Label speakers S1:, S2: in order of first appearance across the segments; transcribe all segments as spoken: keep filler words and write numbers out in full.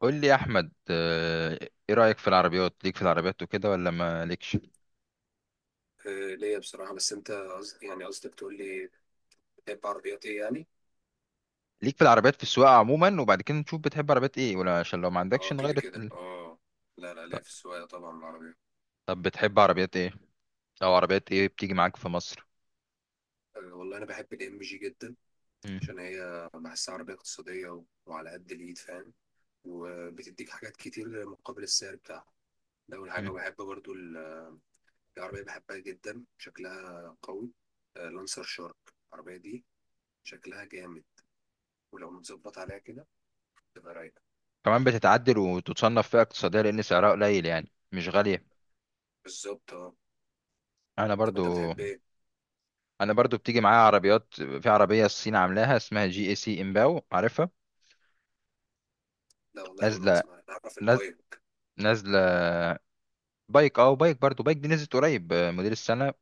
S1: قول لي يا احمد، آه، ايه رايك في العربيات ليك في العربيات وكده، ولا ما ليكش؟
S2: آه، ليا بصراحة. بس أنت قصد يعني قصدك تقول لي بتحب عربيات إيه يعني؟
S1: ليك في العربيات في السواقه عموما، وبعد كده نشوف بتحب عربيات ايه، ولا عشان لو ما عندكش
S2: أه، كده
S1: نغير
S2: كده،
S1: ال-
S2: أه. لا لا، ليا
S1: طب
S2: في السواقة طبعا العربية.
S1: طب بتحب عربيات ايه، او عربيات ايه بتيجي معاك في مصر؟
S2: أه والله أنا بحب الإم جي جدا،
S1: مم.
S2: عشان هي بحسها عربية اقتصادية، و- وعلى قد الإيد، فاهم. وبتديك حاجات كتير مقابل السعر بتاعها. ده أول حاجة.
S1: مم.
S2: وبحب برضو ال- في عربية بحبها جدا شكلها قوي. آه، لانسر شارك، العربية دي شكلها جامد، ولو متظبط عليها كده تبقى رايقة.
S1: كمان بتتعدل وتتصنف فئه اقتصاديه، لان سعرها قليل، يعني مش غاليه.
S2: بالظبط، أه.
S1: انا
S2: طب أنت
S1: برضو
S2: بتحب إيه؟
S1: انا برضو بتيجي معايا عربيات، في عربيه الصين عاملاها اسمها جي اي سي امباو، عارفها؟
S2: لا والله، أول مرة
S1: نازله،
S2: أسمع، أنا أعرف
S1: ناز-
S2: البايك.
S1: نازله. بايك، اه بايك، برضو بايك دي نزلت قريب، آه، موديل السنه،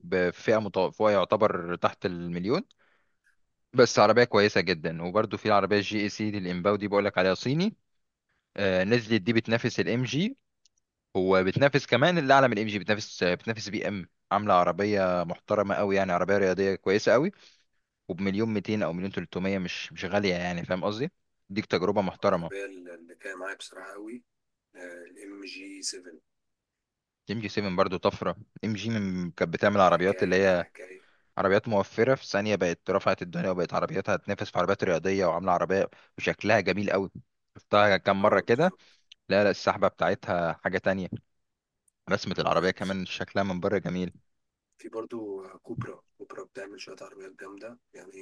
S1: بفئه متوسطه، يعتبر تحت المليون، بس عربيه كويسه جدا. وبرده في العربيه الجي اي سي دي الامباو دي، بقول لك عليها صيني، آه، نزلت دي بتنافس الام جي، وبتنافس كمان اللي اعلى من الام جي، بتنافس بتنافس بي ام. عامله عربيه محترمه قوي، يعني عربيه رياضيه كويسه قوي. وبمليون ميتين او مليون تلتميه، مش مش غاليه يعني، فاهم قصدي؟ ديك تجربه محترمه.
S2: العربية اللي كان معايا بصراحة قوي الام جي سبعة،
S1: ام جي سبعة برضو طفره. ام جي من كانت بتعمل عربيات اللي
S2: حكاية، لا
S1: هي
S2: حكاية.
S1: عربيات موفرة، في ثانية بقت رفعت الدنيا، وبقت عربياتها تنافس في عربيات رياضية، وعاملة عربية وشكلها جميل قوي. شفتها كام مرة
S2: اه
S1: كده.
S2: بالظبط.
S1: لا لا، السحبة بتاعتها حاجة تانية. رسمة العربية
S2: وفي
S1: كمان شكلها من بره جميل.
S2: برضو كوبرا، كوبرا بتعمل شوية عربيات جامدة يعني.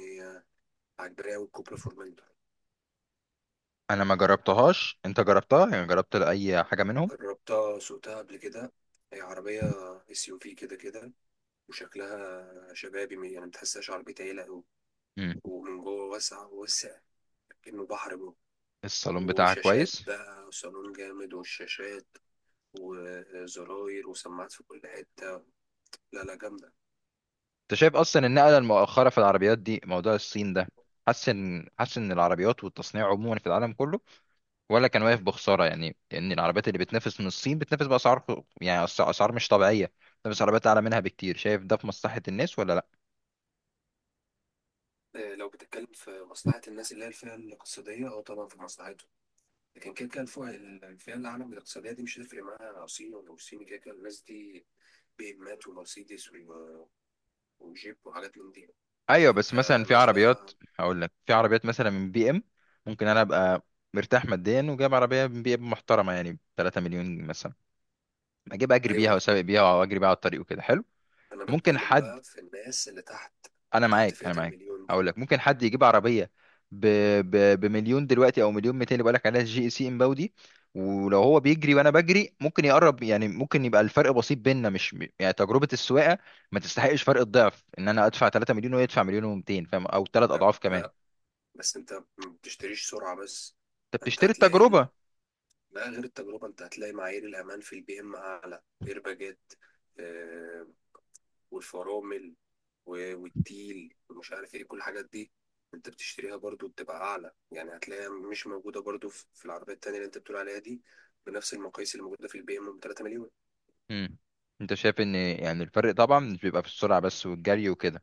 S2: عجباني أوي الكوبرا فورمنتور.
S1: أنا ما جربتهاش، أنت جربتها؟ يعني جربت أي حاجة منهم؟
S2: جربتها، سوقتها قبل كده. هي عربية اس يو في كده كده. وشكلها شبابي، م- يعني متحسهاش عربية عيلة أوي.
S1: مم.
S2: ومن جوه واسعة، واسع كأنه بحر جوه.
S1: الصالون بتاعها
S2: وشاشات
S1: كويس.
S2: بقى، وصالون جامد، والشاشات وزراير وسماعات في كل حتة. لا لا، جامدة.
S1: أنت شايف أصلا النقلة المؤخرة في العربيات دي موضوع الصين ده، حاسس إن حاسس إن العربيات والتصنيع عموما في العالم كله ولا كان واقف بخساره؟ يعني ان العربيات اللي بتنافس من الصين، بتنافس باسعار خ- يعني أس- اسعار مش طبيعيه، بتنافس عربيات اعلى منها بكتير. شايف ده في مصلحه الناس ولا لا؟
S2: آه، لو بتتكلم في مصلحة الناس اللي هي الفئة الاقتصادية، أو طبعا في مصلحتهم. لكن كده كده الفئة، الفئة العالم الاقتصادية دي مش هتفرق معاها صين ولا مش صين. كده كده الناس دي بيهمات ومرسيدس و- وجيب وحاجات من دي.
S1: ايوه
S2: لكن
S1: بس مثلا في
S2: كناس
S1: عربيات،
S2: بقى.
S1: هقول لك في عربيات مثلا من بي ام. ممكن انا ابقى مرتاح ماديا، وجايب عربيه من بي ام محترمه، يعني ب ثلاثة مليون مثلا، اجيب اجري
S2: أيوة،
S1: بيها
S2: أنا
S1: واسابق بيها واجري بيها على الطريق وكده حلو.
S2: أنا
S1: ممكن
S2: بتكلم
S1: حد،
S2: بقى في الناس اللي تحت،
S1: انا
S2: اللي تحت
S1: معاك انا
S2: فئة
S1: معاك،
S2: المليون دي.
S1: هقول لك ممكن حد يجيب عربيه ب... ب... بمليون دلوقتي او مليون ميتين، اللي بقول لك عليها جي سي امباودي. ولو هو بيجري وانا بجري ممكن يقرب، يعني ممكن يبقى الفرق بسيط بيننا، مش يعني تجربه السواقه ما تستحقش فرق الضعف ان انا ادفع ثلاثة مليون ويدفع مليون و200، فاهم؟ او ثلاث
S2: لا
S1: اضعاف كمان.
S2: لا، بس أنت ما بتشتريش سرعة بس.
S1: انت
S2: أنت
S1: بتشتري
S2: هتلاقي
S1: التجربه.
S2: ال... لا، غير التجربة، أنت هتلاقي معايير الأمان في البي إم أعلى، إيرباجات آه، والفرامل، و- والتيل ومش عارف ايه كل الحاجات دي انت بتشتريها، برضو بتبقى اعلى. يعني هتلاقيها مش موجوده برضو في في العربيه التانيه اللي انت بتقول عليها دي، بنفس المقاييس اللي موجوده في البي ام ب 3 مليون.
S1: امم انت شايف ان، يعني الفرق طبعا مش بيبقى في السرعه بس والجري وكده،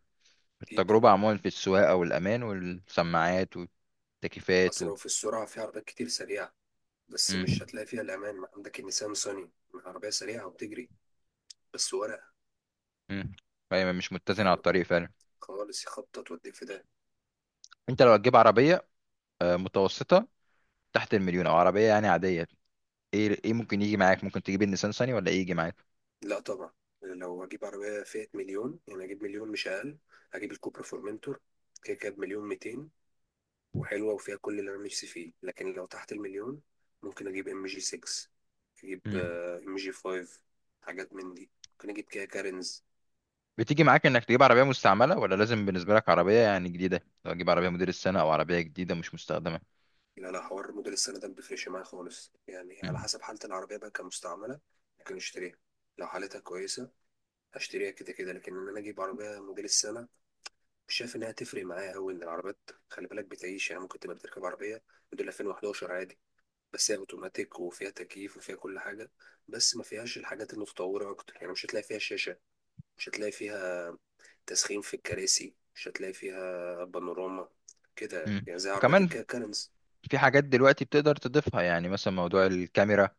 S2: اكيد طبعا.
S1: التجربه عموما في السواقه والامان والسماعات والتكييفات
S2: اصل
S1: و...
S2: لو في السرعه، في عربيات كتير سريعه بس مش
S1: مم.
S2: هتلاقي فيها الامان. ما عندك النيسان صني، عربيه سريعه وبتجري بس ورقه
S1: مم. فهي مش متزنة على
S2: يعني
S1: الطريق فعلا.
S2: خالص، يخبطط وتوديك في ده.
S1: انت لو هتجيب عربية، آه، متوسطة، تحت المليون، او عربية يعني عادية، ايه ايه ممكن يجي معاك؟ ممكن تجيب النيسان صني، ولا ايه يجي معاك؟
S2: لا طبعا، لو هجيب عربيه فئه مليون يعني هجيب مليون، مش اقل. هجيب الكوبرا فورمنتور، كده كده بمليون ميتين، وحلوة وفيها كل اللي أنا نفسي فيه. لكن لو تحت المليون ممكن أجيب ام جي ستة، أجيب
S1: مم.
S2: ام جي خمسة، حاجات من دي، ممكن أجيب كيا كارينز.
S1: بتيجي معاك انك تجيب عربية مستعملة، ولا لازم بالنسبة لك عربية يعني جديدة؟ لو هتجيب عربية موديل السنة، او عربية جديدة مش مستخدمة.
S2: لا لا، حوار موديل السنة ده مبيفرقش معايا خالص. يعني على
S1: مم.
S2: حسب حالة العربية بقى، كمستعملة ممكن أشتريها، لو حالتها كويسة هشتريها كده كده. لكن إن أنا أجيب عربية موديل السنة، مش شايف إنها تفرق معايا أوي. إن العربيات خلي بالك بتعيش. يعني ممكن تبقى بتركب عربية موديل ألفين وأحد عشر عادي، بس هي اوتوماتيك وفيها تكييف وفيها كل حاجه، بس ما فيهاش الحاجات المتطوره اكتر. يعني مش هتلاقي فيها شاشه، مش هتلاقي فيها تسخين في الكراسي، مش هتلاقي فيها بانوراما، كده يعني.
S1: مم.
S2: يعني زي عربيات
S1: وكمان
S2: الكيا كارنز.
S1: في حاجات دلوقتي بتقدر تضيفها، يعني مثلا موضوع الكاميرا،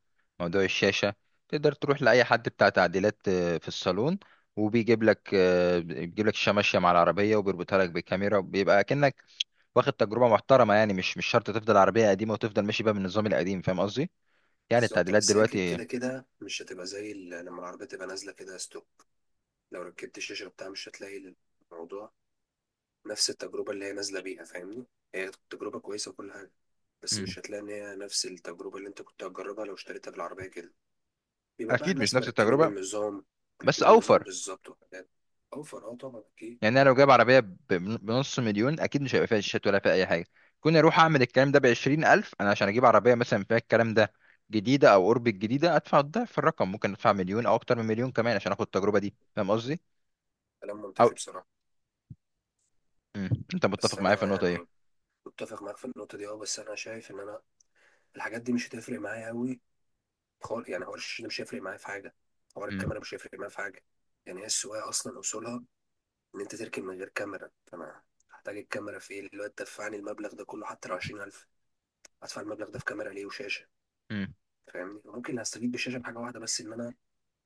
S1: موضوع الشاشة، تقدر تروح لأي حد بتاع تعديلات، آه، في الصالون، وبيجيب لك، آه، بيجيب لك الشاشة ماشية مع العربية، وبيربطها لك بالكاميرا، وبيبقى كأنك واخد تجربة محترمة. يعني مش مش شرط تفضل عربية قديمة، وتفضل ماشي بقى بالنظام القديم، فاهم قصدي؟ يعني
S2: بالظبط،
S1: التعديلات
S2: بس هي
S1: دلوقتي.
S2: كده كده مش هتبقى زي ال- لما العربيه تبقى نازله كده ستوك. لو ركبت الشاشه بتاعها مش هتلاقي الموضوع نفس التجربه اللي هي نازله بيها، فاهمني. هي تجربه كويسه وكل حاجه، بس
S1: مم.
S2: مش هتلاقي ان هي نفس التجربه اللي انت كنت هتجربها لو اشتريتها بالعربيه كده. بيبقى بقى
S1: أكيد مش
S2: الناس
S1: نفس
S2: مركبين
S1: التجربة.
S2: النظام.
S1: بس
S2: مركبين النظام
S1: أوفر.
S2: بالظبط، وحاجات. اوفر، اه طبعا اكيد.
S1: يعني انا لو جايب عربيه ب- بنص مليون اكيد مش هيبقى فيها شاشات، ولا فيها اي حاجه. كنت اروح اعمل الكلام ده بعشرين الف، انا عشان اجيب عربيه مثلا فيها الكلام ده جديده او قرب الجديده، ادفع الضعف في الرقم. ممكن ادفع مليون، او اكتر من مليون كمان عشان اخد التجربه دي، فاهم قصدي؟
S2: كلام
S1: او
S2: منطقي بصراحه.
S1: مم. انت
S2: بس
S1: متفق معايا في
S2: انا
S1: النقطه دي؟
S2: يعني متفق معاك في النقطه دي، اه. بس انا شايف ان انا الحاجات دي مش هتفرق معايا قوي خالص. يعني حوار الشاشه ده مش هيفرق معايا في حاجه، حوار
S1: مم.
S2: الكاميرا مش هيفرق معايا في حاجه. يعني هي السواقه اصلا اصولها ان انت تركن من غير كاميرا، فانا هحتاج الكاميرا في ايه دلوقتي؟ دفعني المبلغ ده كله، حتى لو عشرين ألف هدفع المبلغ ده في كاميرا ليه وشاشه.
S1: مم.
S2: فاهمني، ممكن هستفيد بالشاشه بحاجه واحده بس، ان انا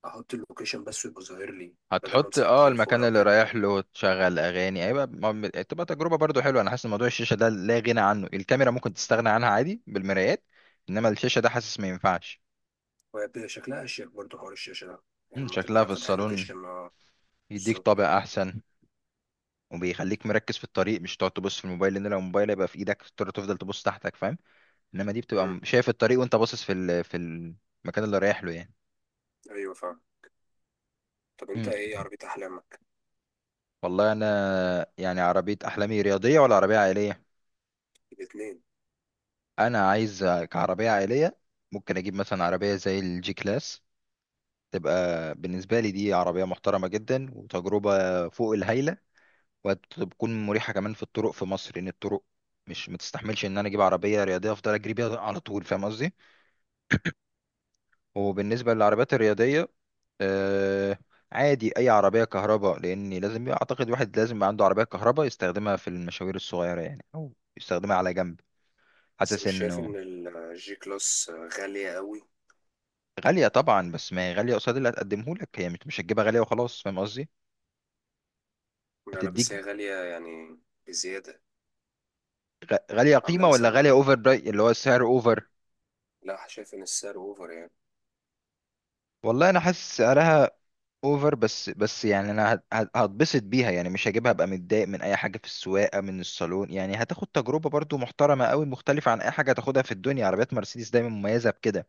S2: احط اللوكيشن بس ويبقى ظاهر لي، بدل ما
S1: هتحط
S2: امسك
S1: اه
S2: التليفون
S1: المكان
S2: او
S1: اللي
S2: كده.
S1: رايح له، تشغل اغاني، ايوه، ما- م- تبقى تجربه برضو حلوه. انا حاسس إن موضوع الشاشه ده لا غنى عنه. الكاميرا ممكن تستغنى عنها عادي بالمرايات، انما الشاشه ده حاسس ما ينفعش.
S2: وهي شكلها اشيك برضه حوار الشاشه ده، يعني
S1: مم،
S2: لما
S1: شكلها
S2: تبقى
S1: في
S2: فاتح
S1: الصالون
S2: اللوكيشن، اه.
S1: يديك
S2: بالظبط.
S1: طابع احسن، وبيخليك مركز في الطريق، مش تقعد تبص في الموبايل، لان لو الموبايل هيبقى في ايدك تضطر تفضل تبص تحتك، فاهم؟ انما دي بتبقى م-
S2: مم.
S1: شايف الطريق، وانت باصص في ال... في المكان اللي رايح له يعني.
S2: ايوه فاهم. طب انت
S1: مم.
S2: ايه عربيه احلامك؟
S1: والله، انا يعني عربيه احلامي رياضيه ولا عربيه عائليه؟
S2: الاثنين.
S1: انا عايز كعربيه عائليه ممكن اجيب مثلا عربيه زي الجي كلاس. تبقى بالنسبه لي دي عربيه محترمه جدا، وتجربه فوق الهايله، وتكون مريحه كمان في الطرق في مصر، لان الطرق مش متستحملش ان انا اجيب عربيه رياضيه افضل اجري بيها على طول، فاهم قصدي؟ وبالنسبة للعربيات الرياضية آه عادي أي عربية كهرباء، لأن لازم يبقى- أعتقد واحد لازم يبقى عنده عربية كهرباء يستخدمها في المشاوير الصغيرة يعني، أو يستخدمها على جنب.
S2: بس
S1: حاسس
S2: مش شايف
S1: إنه
S2: ان الجي كلاس غاليه قوي؟
S1: غالية طبعا، بس ما هي غالية قصاد اللي هتقدمه لك. هي مش مش هتجيبها غالية وخلاص، فاهم قصدي؟
S2: لا لا،
S1: هتديك
S2: بس هي غاليه يعني بزياده.
S1: غ- غالية
S2: عامله
S1: قيمة، ولا غالية
S2: مثلا،
S1: أوفر براي، اللي هو السعر أوفر.
S2: لا، شايف ان السعر اوفر يعني.
S1: والله أنا حاسس سعرها اوفر. بس بس يعني انا هت- هت- هتبسط بيها يعني، مش هجيبها ابقى متضايق من اي حاجه في السواقه من الصالون. يعني هتاخد تجربه برضو محترمه قوي، مختلفه عن اي حاجه هتاخدها في الدنيا. عربيات مرسيدس دايما مميزه بكده،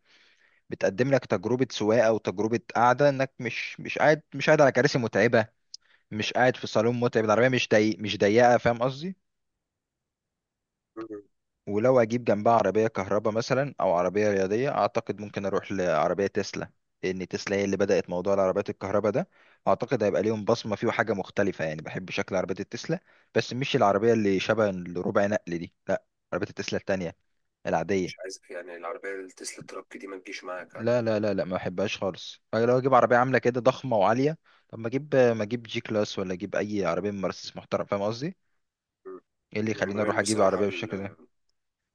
S1: بتقدم لك تجربه سواقه وتجربه قعده، انك مش مش قاعد مش قاعد على كراسي متعبه، مش قاعد في صالون متعب، العربيه مش ضيق، مش ضيقه، فاهم قصدي؟
S2: مم.
S1: ولو اجيب جنبها عربيه كهرباء مثلا، او عربيه رياضيه، اعتقد ممكن اروح لعربيه تسلا، لان تسلا هي اللي بدات موضوع العربيات الكهرباء ده، اعتقد هيبقى ليهم بصمه فيه وحاجه مختلفه. يعني بحب شكل عربيه التسلا، بس مش العربيه اللي شبه الربع نقل دي لا، عربيه التسلا التانية العاديه.
S2: مش عايز يعني العربيه التسلا ترك دي ما تجيش معاك يعني.
S1: لا لا لا لا، ما بحبهاش خالص. أنا لو اجيب عربيه عامله كده ضخمه وعاليه، طب ما اجيب ما اجيب جي كلاس، ولا اجيب اي عربيه من مرسيدس محترم، فاهم قصدي؟
S2: مم.
S1: ايه اللي
S2: أنا ما
S1: يخليني اروح
S2: بين
S1: اجيب
S2: بصراحه
S1: عربيه بالشكل ده؟
S2: ال-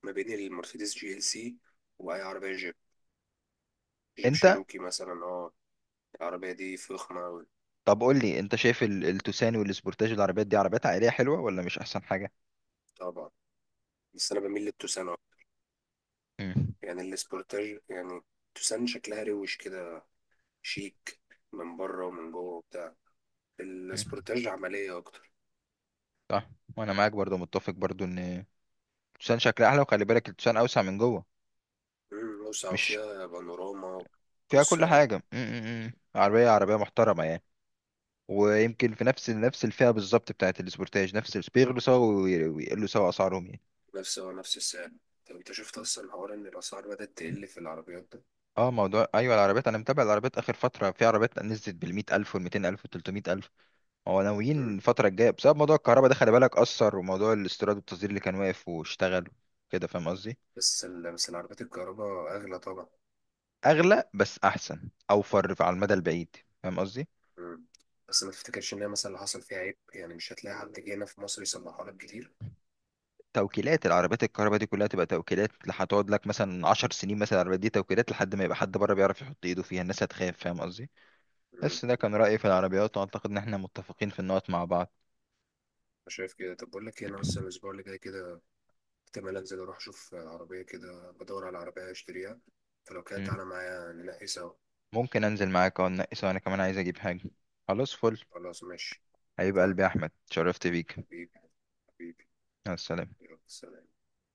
S2: ما بين المرسيدس جي ال سي واي عربيه، جيب
S1: انت
S2: شيروكي مثلا، اه. العربية دي فخمة أوي.
S1: طب قول لي، انت شايف ال- التوسان والسبورتاج، العربيات دي عربيات عائليه حلوه ولا مش احسن حاجه؟
S2: طبعا، بس أنا بميل للتوسان أكتر.
S1: امم
S2: يعني السبورتاج، يعني التوسان شكلها روش كده، شيك من بره ومن جوه وبتاع.
S1: امم،
S2: السبورتاج عملية أكتر.
S1: صح. وانا معاك برضو متفق برضو ان التوسان شكلها احلى، وخلي بالك التوسان اوسع من جوه،
S2: مم، واسعة
S1: مش
S2: وفيها بانوراما.
S1: فيها كل
S2: قصة يعني.
S1: حاجه. امم، عربيه عربيه محترمه يعني. ويمكن في نفس نفس الفئه بالظبط بتاعت السبورتاج، نفس الس- بيغلوا سوا وي- ويقلوا سوا اسعارهم يعني.
S2: نفس هو نفس السعر. طب أنت شفت أصلا حوار إن الأسعار بدأت تقل في العربيات ده؟
S1: اه موضوع ايوه، العربيات، انا متابع العربيات اخر فتره، في عربيات نزلت بال مئة الف وال مئتين الف وال ثلاثمئة الف. هو ناويين
S2: مم.
S1: الفترة الجاية بسبب موضوع الكهرباء ده، خلي بالك أثر، وموضوع الاستيراد والتصدير اللي كان واقف واشتغل كده، فاهم قصدي؟
S2: بس ال- بس العربيات الكهرباء أغلى طبعا.
S1: أغلى بس أحسن، أوفر على المدى البعيد، فاهم قصدي؟
S2: مم. بس ما تفتكرش إن هي مثلا اللي حصل فيها عيب، يعني مش هتلاقي حد جه هنا في مصر يصلحها لك كتير.
S1: توكيلات العربيات الكهرباء دي كلها تبقى توكيلات، هتقعد لك مثلا عشر سنين، مثلا العربيات دي توكيلات لحد ما يبقى حد بره بيعرف يحط ايده فيها، الناس هتخاف، فاهم قصدي؟ بس ده كان رأيي في العربيات، وأعتقد إن احنا متفقين في النقط مع بعض.
S2: أنا شايف كده. طب بقول لك ايه، انا اصلا الاسبوع اللي جاي كده احتمال انزل اروح اشوف عربيه، كده بدور على عربيه اشتريها. فلو كده
S1: مم.
S2: تعالى معايا ننقي سوا.
S1: ممكن أنزل معاك، أو ننقي سوا، أنا كمان عايز أجيب حاجة. خلاص فل.
S2: خلاص ماشي.
S1: حبيب
S2: طيب،
S1: قلبي يا أحمد، شرفت بيك.
S2: حبيبي، حبيبي،
S1: مع السلامة.
S2: يلا سلام.